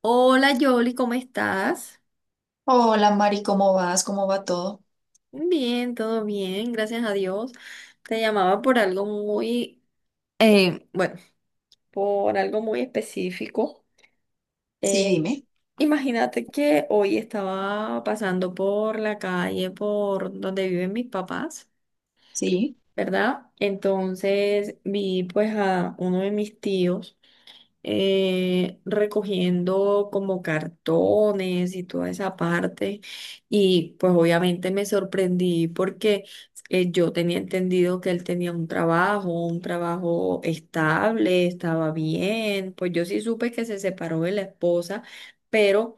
Hola Yoli, ¿cómo estás? Hola Mari, ¿cómo vas? ¿Cómo va todo? Bien, todo bien, gracias a Dios. Te llamaba por algo muy, bueno, por algo muy específico. Sí, Eh, dime. Imagínate que hoy estaba pasando por la calle por donde viven mis papás, Sí. ¿verdad? Entonces vi pues a uno de mis tíos, recogiendo como cartones y toda esa parte. Y pues obviamente me sorprendí porque yo tenía entendido que él tenía un trabajo estable, estaba bien. Pues yo sí supe que se separó de la esposa, pero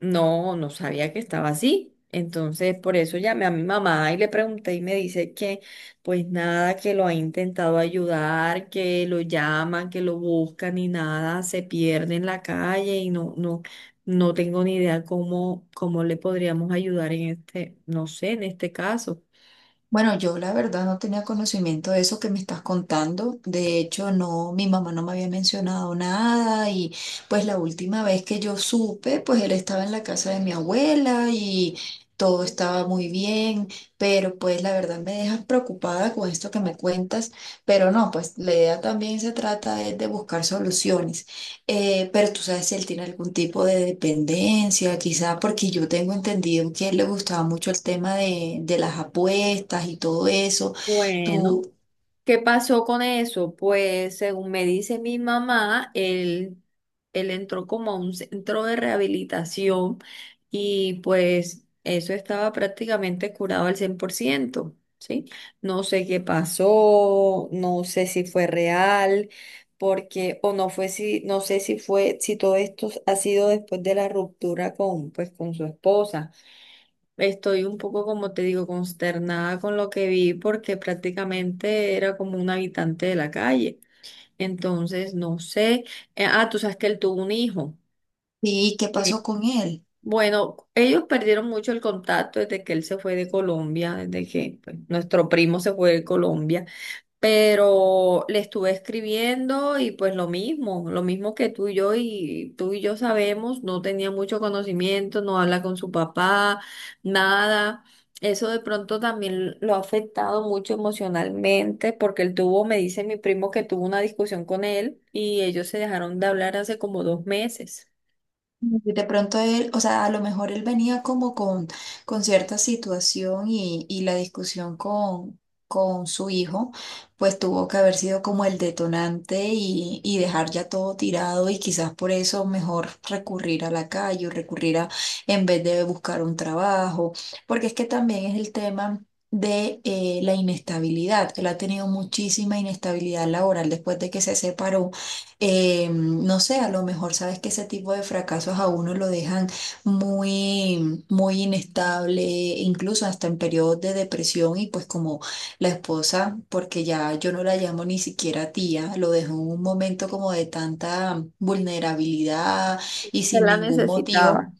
no, no sabía que estaba así. Entonces, por eso llamé a mi mamá y le pregunté y me dice que pues nada, que lo ha intentado ayudar, que lo llaman, que lo buscan y nada, se pierde en la calle y no, no, no tengo ni idea cómo, cómo le podríamos ayudar en este, no sé, en este caso. Bueno, yo la verdad no tenía conocimiento de eso que me estás contando. De hecho, no, mi mamá no me había mencionado nada y pues la última vez que yo supe, pues él estaba en la casa de mi abuela y todo estaba muy bien, pero pues la verdad me dejas preocupada con esto que me cuentas, pero no, pues la idea también se trata es de buscar soluciones. Pero tú sabes si él tiene algún tipo de dependencia, quizá porque yo tengo entendido que a él le gustaba mucho el tema de las apuestas y todo eso. Bueno. Tú, ¿Qué pasó con eso? Pues según me dice mi mamá, él entró como a un centro de rehabilitación y pues eso estaba prácticamente curado al 100%, ¿sí? No sé qué pasó, no sé si fue real, porque, o no fue si, no sé si fue, si todo esto ha sido después de la ruptura con, pues, con su esposa. Estoy un poco, como te digo, consternada con lo que vi porque prácticamente era como un habitante de la calle. Entonces, no sé. Ah, tú sabes que él tuvo un hijo. ¿y qué pasó Sí. con él? Bueno, ellos perdieron mucho el contacto desde que él se fue de Colombia, desde que pues, nuestro primo se fue de Colombia, pero le estuve escribiendo y pues lo mismo que tú y yo sabemos, no tenía mucho conocimiento, no habla con su papá, nada. Eso de pronto también lo ha afectado mucho emocionalmente porque él tuvo, me dice mi primo que tuvo una discusión con él y ellos se dejaron de hablar hace como 2 meses. De pronto él, o sea, a lo mejor él venía como con cierta situación y la discusión con su hijo, pues tuvo que haber sido como el detonante y dejar ya todo tirado y quizás por eso mejor recurrir a la calle o recurrir a, en vez de buscar un trabajo, porque es que también es el tema. De la inestabilidad. Él ha tenido muchísima inestabilidad laboral después de que se separó, no sé, a lo mejor sabes que ese tipo de fracasos a uno lo dejan muy, muy inestable, incluso hasta en periodos de depresión y pues como la esposa, porque ya yo no la llamo ni siquiera tía, lo dejó en un momento como de tanta vulnerabilidad y Se sin la ningún motivo. necesitaba.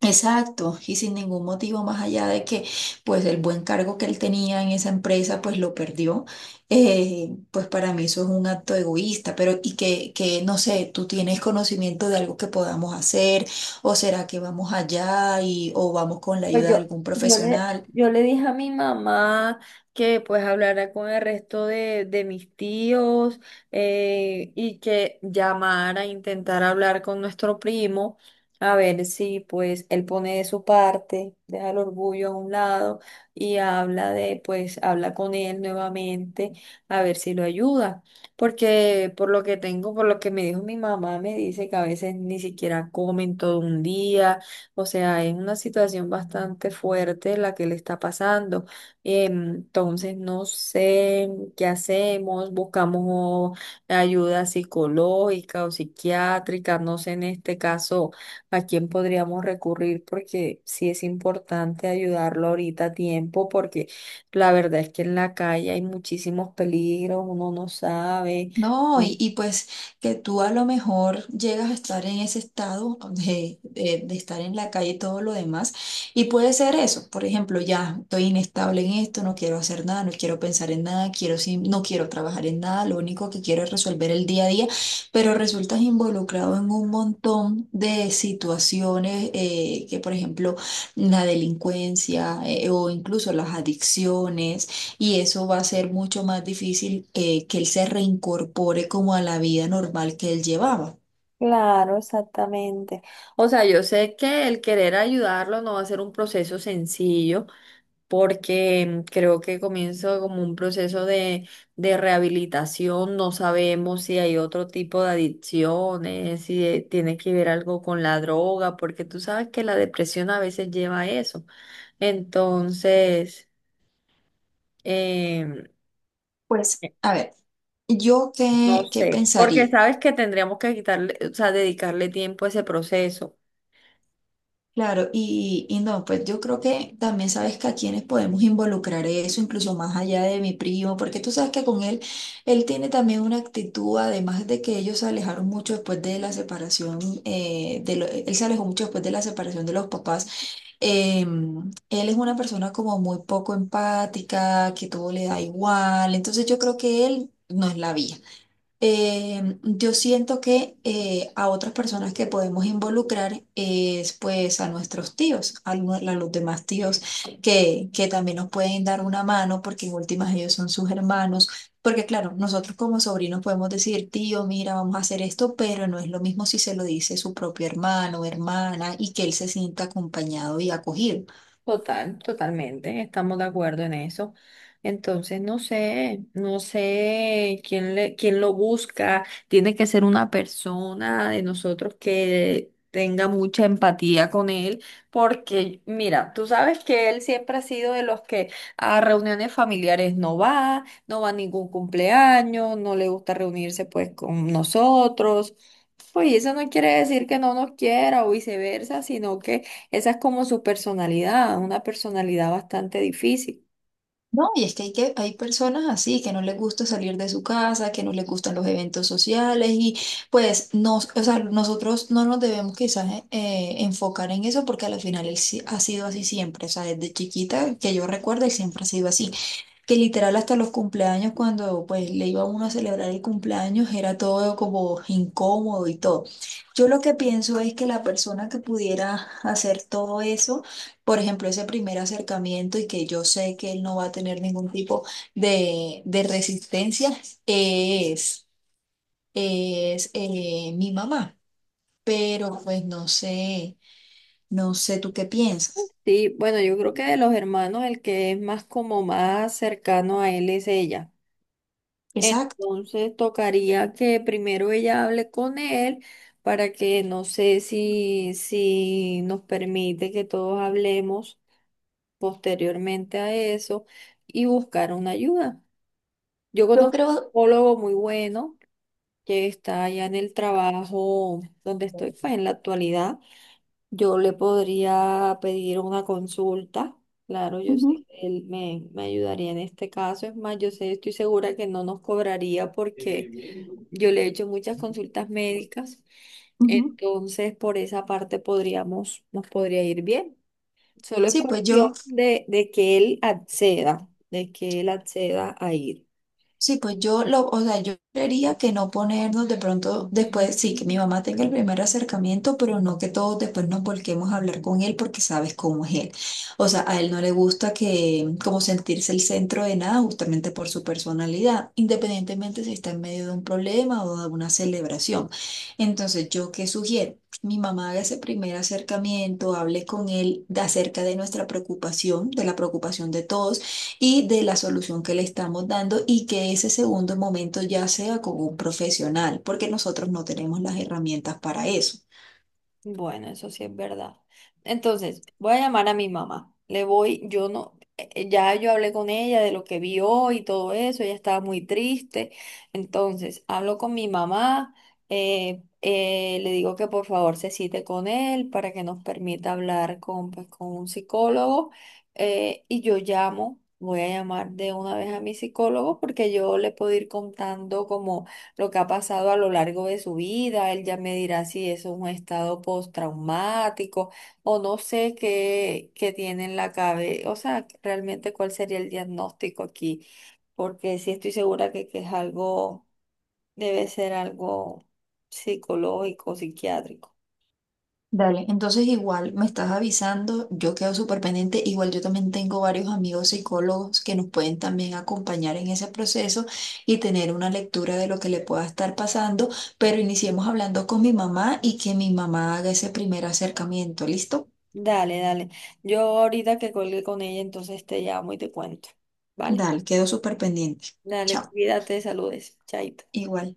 Exacto, y sin ningún motivo más allá de que pues el buen cargo que él tenía en esa empresa pues lo perdió, pues para mí eso es un acto egoísta, pero que no sé, tú tienes conocimiento de algo que podamos hacer o será que vamos allá y o vamos con la Pues ayuda de yo, algún yo le, profesional. yo le dije a mi mamá que pues hablara con el resto de mis tíos, y que llamara, intentara hablar con nuestro primo, a ver si pues él pone de su parte, deja el orgullo a un lado y pues habla con él nuevamente, a ver si lo ayuda. Porque por lo que tengo, por lo que me dijo mi mamá, me dice que a veces ni siquiera comen todo un día, o sea, es una situación bastante fuerte la que le está pasando. Entonces, no sé qué hacemos, buscamos ayuda psicológica o psiquiátrica, no sé en este caso a quién podríamos recurrir porque sí es importante ayudarlo ahorita a tiempo porque la verdad es que en la calle hay muchísimos peligros, uno no sabe. No, y pues que tú a lo mejor llegas a estar en ese estado de, de estar en la calle y todo lo demás, y puede ser eso, por ejemplo, ya estoy inestable en esto, no quiero hacer nada, no quiero pensar en nada, quiero no quiero trabajar en nada, lo único que quiero es resolver el día a día, pero resultas involucrado en un montón de situaciones que, por ejemplo, la delincuencia, o incluso las adicciones, y eso va a ser mucho más difícil, que él se reincorpore como a la vida normal que él llevaba. Claro, exactamente. O sea, yo sé que el querer ayudarlo no va a ser un proceso sencillo, porque creo que comienza como un proceso de rehabilitación. No sabemos si hay otro tipo de adicciones, si tiene que ver algo con la droga, porque tú sabes que la depresión a veces lleva a eso. Entonces, em, Pues, a ver, ¿yo no qué, qué sé, porque pensaría? sabes que tendríamos que quitarle, o sea, dedicarle tiempo a ese proceso. Claro, y no, pues yo creo que también sabes que a quienes podemos involucrar eso, incluso más allá de mi primo, porque tú sabes que con él, él tiene también una actitud, además de que ellos se alejaron mucho después de la separación, de él se alejó mucho después de la separación de los papás. Él es una persona como muy poco empática, que todo le da igual, entonces yo creo que él no es la vía. Yo siento que a otras personas que podemos involucrar es pues a nuestros tíos, a los demás tíos que también nos pueden dar una mano porque en últimas ellos son sus hermanos, porque claro, nosotros como sobrinos podemos decir, tío, mira, vamos a hacer esto, pero no es lo mismo si se lo dice su propio hermano, hermana y que él se sienta acompañado y acogido. Total, totalmente, estamos de acuerdo en eso. Entonces, no sé, no sé quién lo busca. Tiene que ser una persona de nosotros que tenga mucha empatía con él, porque mira, tú sabes que él siempre ha sido de los que a reuniones familiares no va, no va a ningún cumpleaños, no le gusta reunirse pues con nosotros. Pues y eso no quiere decir que no nos quiera o viceversa, sino que esa es como su personalidad, una personalidad bastante difícil. No, y es que que hay personas así que no les gusta salir de su casa, que no les gustan los eventos sociales y pues nos, o sea, nosotros no nos debemos quizás enfocar en eso porque al final él sí ha sido así siempre, o sea, desde chiquita que yo recuerdo él siempre ha sido así, que literal hasta los cumpleaños, cuando pues le iba uno a celebrar el cumpleaños, era todo como incómodo y todo. Yo lo que pienso es que la persona que pudiera hacer todo eso, por ejemplo, ese primer acercamiento y que yo sé que él no va a tener ningún tipo de resistencia, es, es mi mamá. Pero pues no sé, no sé tú qué piensas. Sí, bueno, yo creo que de los hermanos el que es más como más cercano a él es ella. Exacto. Entonces tocaría que primero ella hable con él para que no sé si, si nos permite que todos hablemos posteriormente a eso y buscar una ayuda. Yo Yo conozco un creo... psicólogo muy bueno que está allá en el trabajo donde estoy, pues en la actualidad. Yo le podría pedir una consulta, claro, yo Ujú, sé que él me ayudaría en este caso, es más, yo sé, estoy segura que no nos cobraría porque yo le he hecho muchas consultas médicas, ujú. entonces por esa parte podríamos, nos podría ir bien. Solo es Sí, pues yo, cuestión de que él acceda, de que él acceda a ir. Sí, pues yo lo, o sea, yo creería que no ponernos de pronto después, sí, que mi mamá tenga el primer acercamiento, pero no que todos después nos volquemos a hablar con él porque sabes cómo es él. O sea, a él no le gusta que como sentirse el centro de nada justamente por su personalidad, independientemente si está en medio de un problema o de una celebración. Entonces, ¿yo qué sugiero? Mi mamá haga ese primer acercamiento, hable con él acerca de nuestra preocupación, de la preocupación de todos y de la solución que le estamos dando y que ese segundo momento ya sea con un profesional, porque nosotros no tenemos las herramientas para eso. Bueno, eso sí es verdad. Entonces, voy a llamar a mi mamá. Le voy, yo no, ya yo hablé con ella de lo que vio y todo eso, ella estaba muy triste. Entonces, hablo con mi mamá, le digo que por favor se cite con él para que nos permita hablar con, pues, con un psicólogo. Voy a llamar de una vez a mi psicólogo porque yo le puedo ir contando como lo que ha pasado a lo largo de su vida. Él ya me dirá si eso es un estado postraumático o no sé qué tiene en la cabeza. O sea, realmente cuál sería el diagnóstico aquí, porque sí estoy segura que es algo, debe ser algo psicológico, psiquiátrico. Dale, entonces igual me estás avisando, yo quedo súper pendiente, igual yo también tengo varios amigos psicólogos que nos pueden también acompañar en ese proceso y tener una lectura de lo que le pueda estar pasando, pero iniciemos hablando con mi mamá y que mi mamá haga ese primer acercamiento, ¿listo? Dale, dale. Yo ahorita que colgué con ella, entonces te llamo y te cuento. ¿Vale? Dale, quedo súper pendiente. Dale, Chao, cuídate, saludes. Chaito. igual.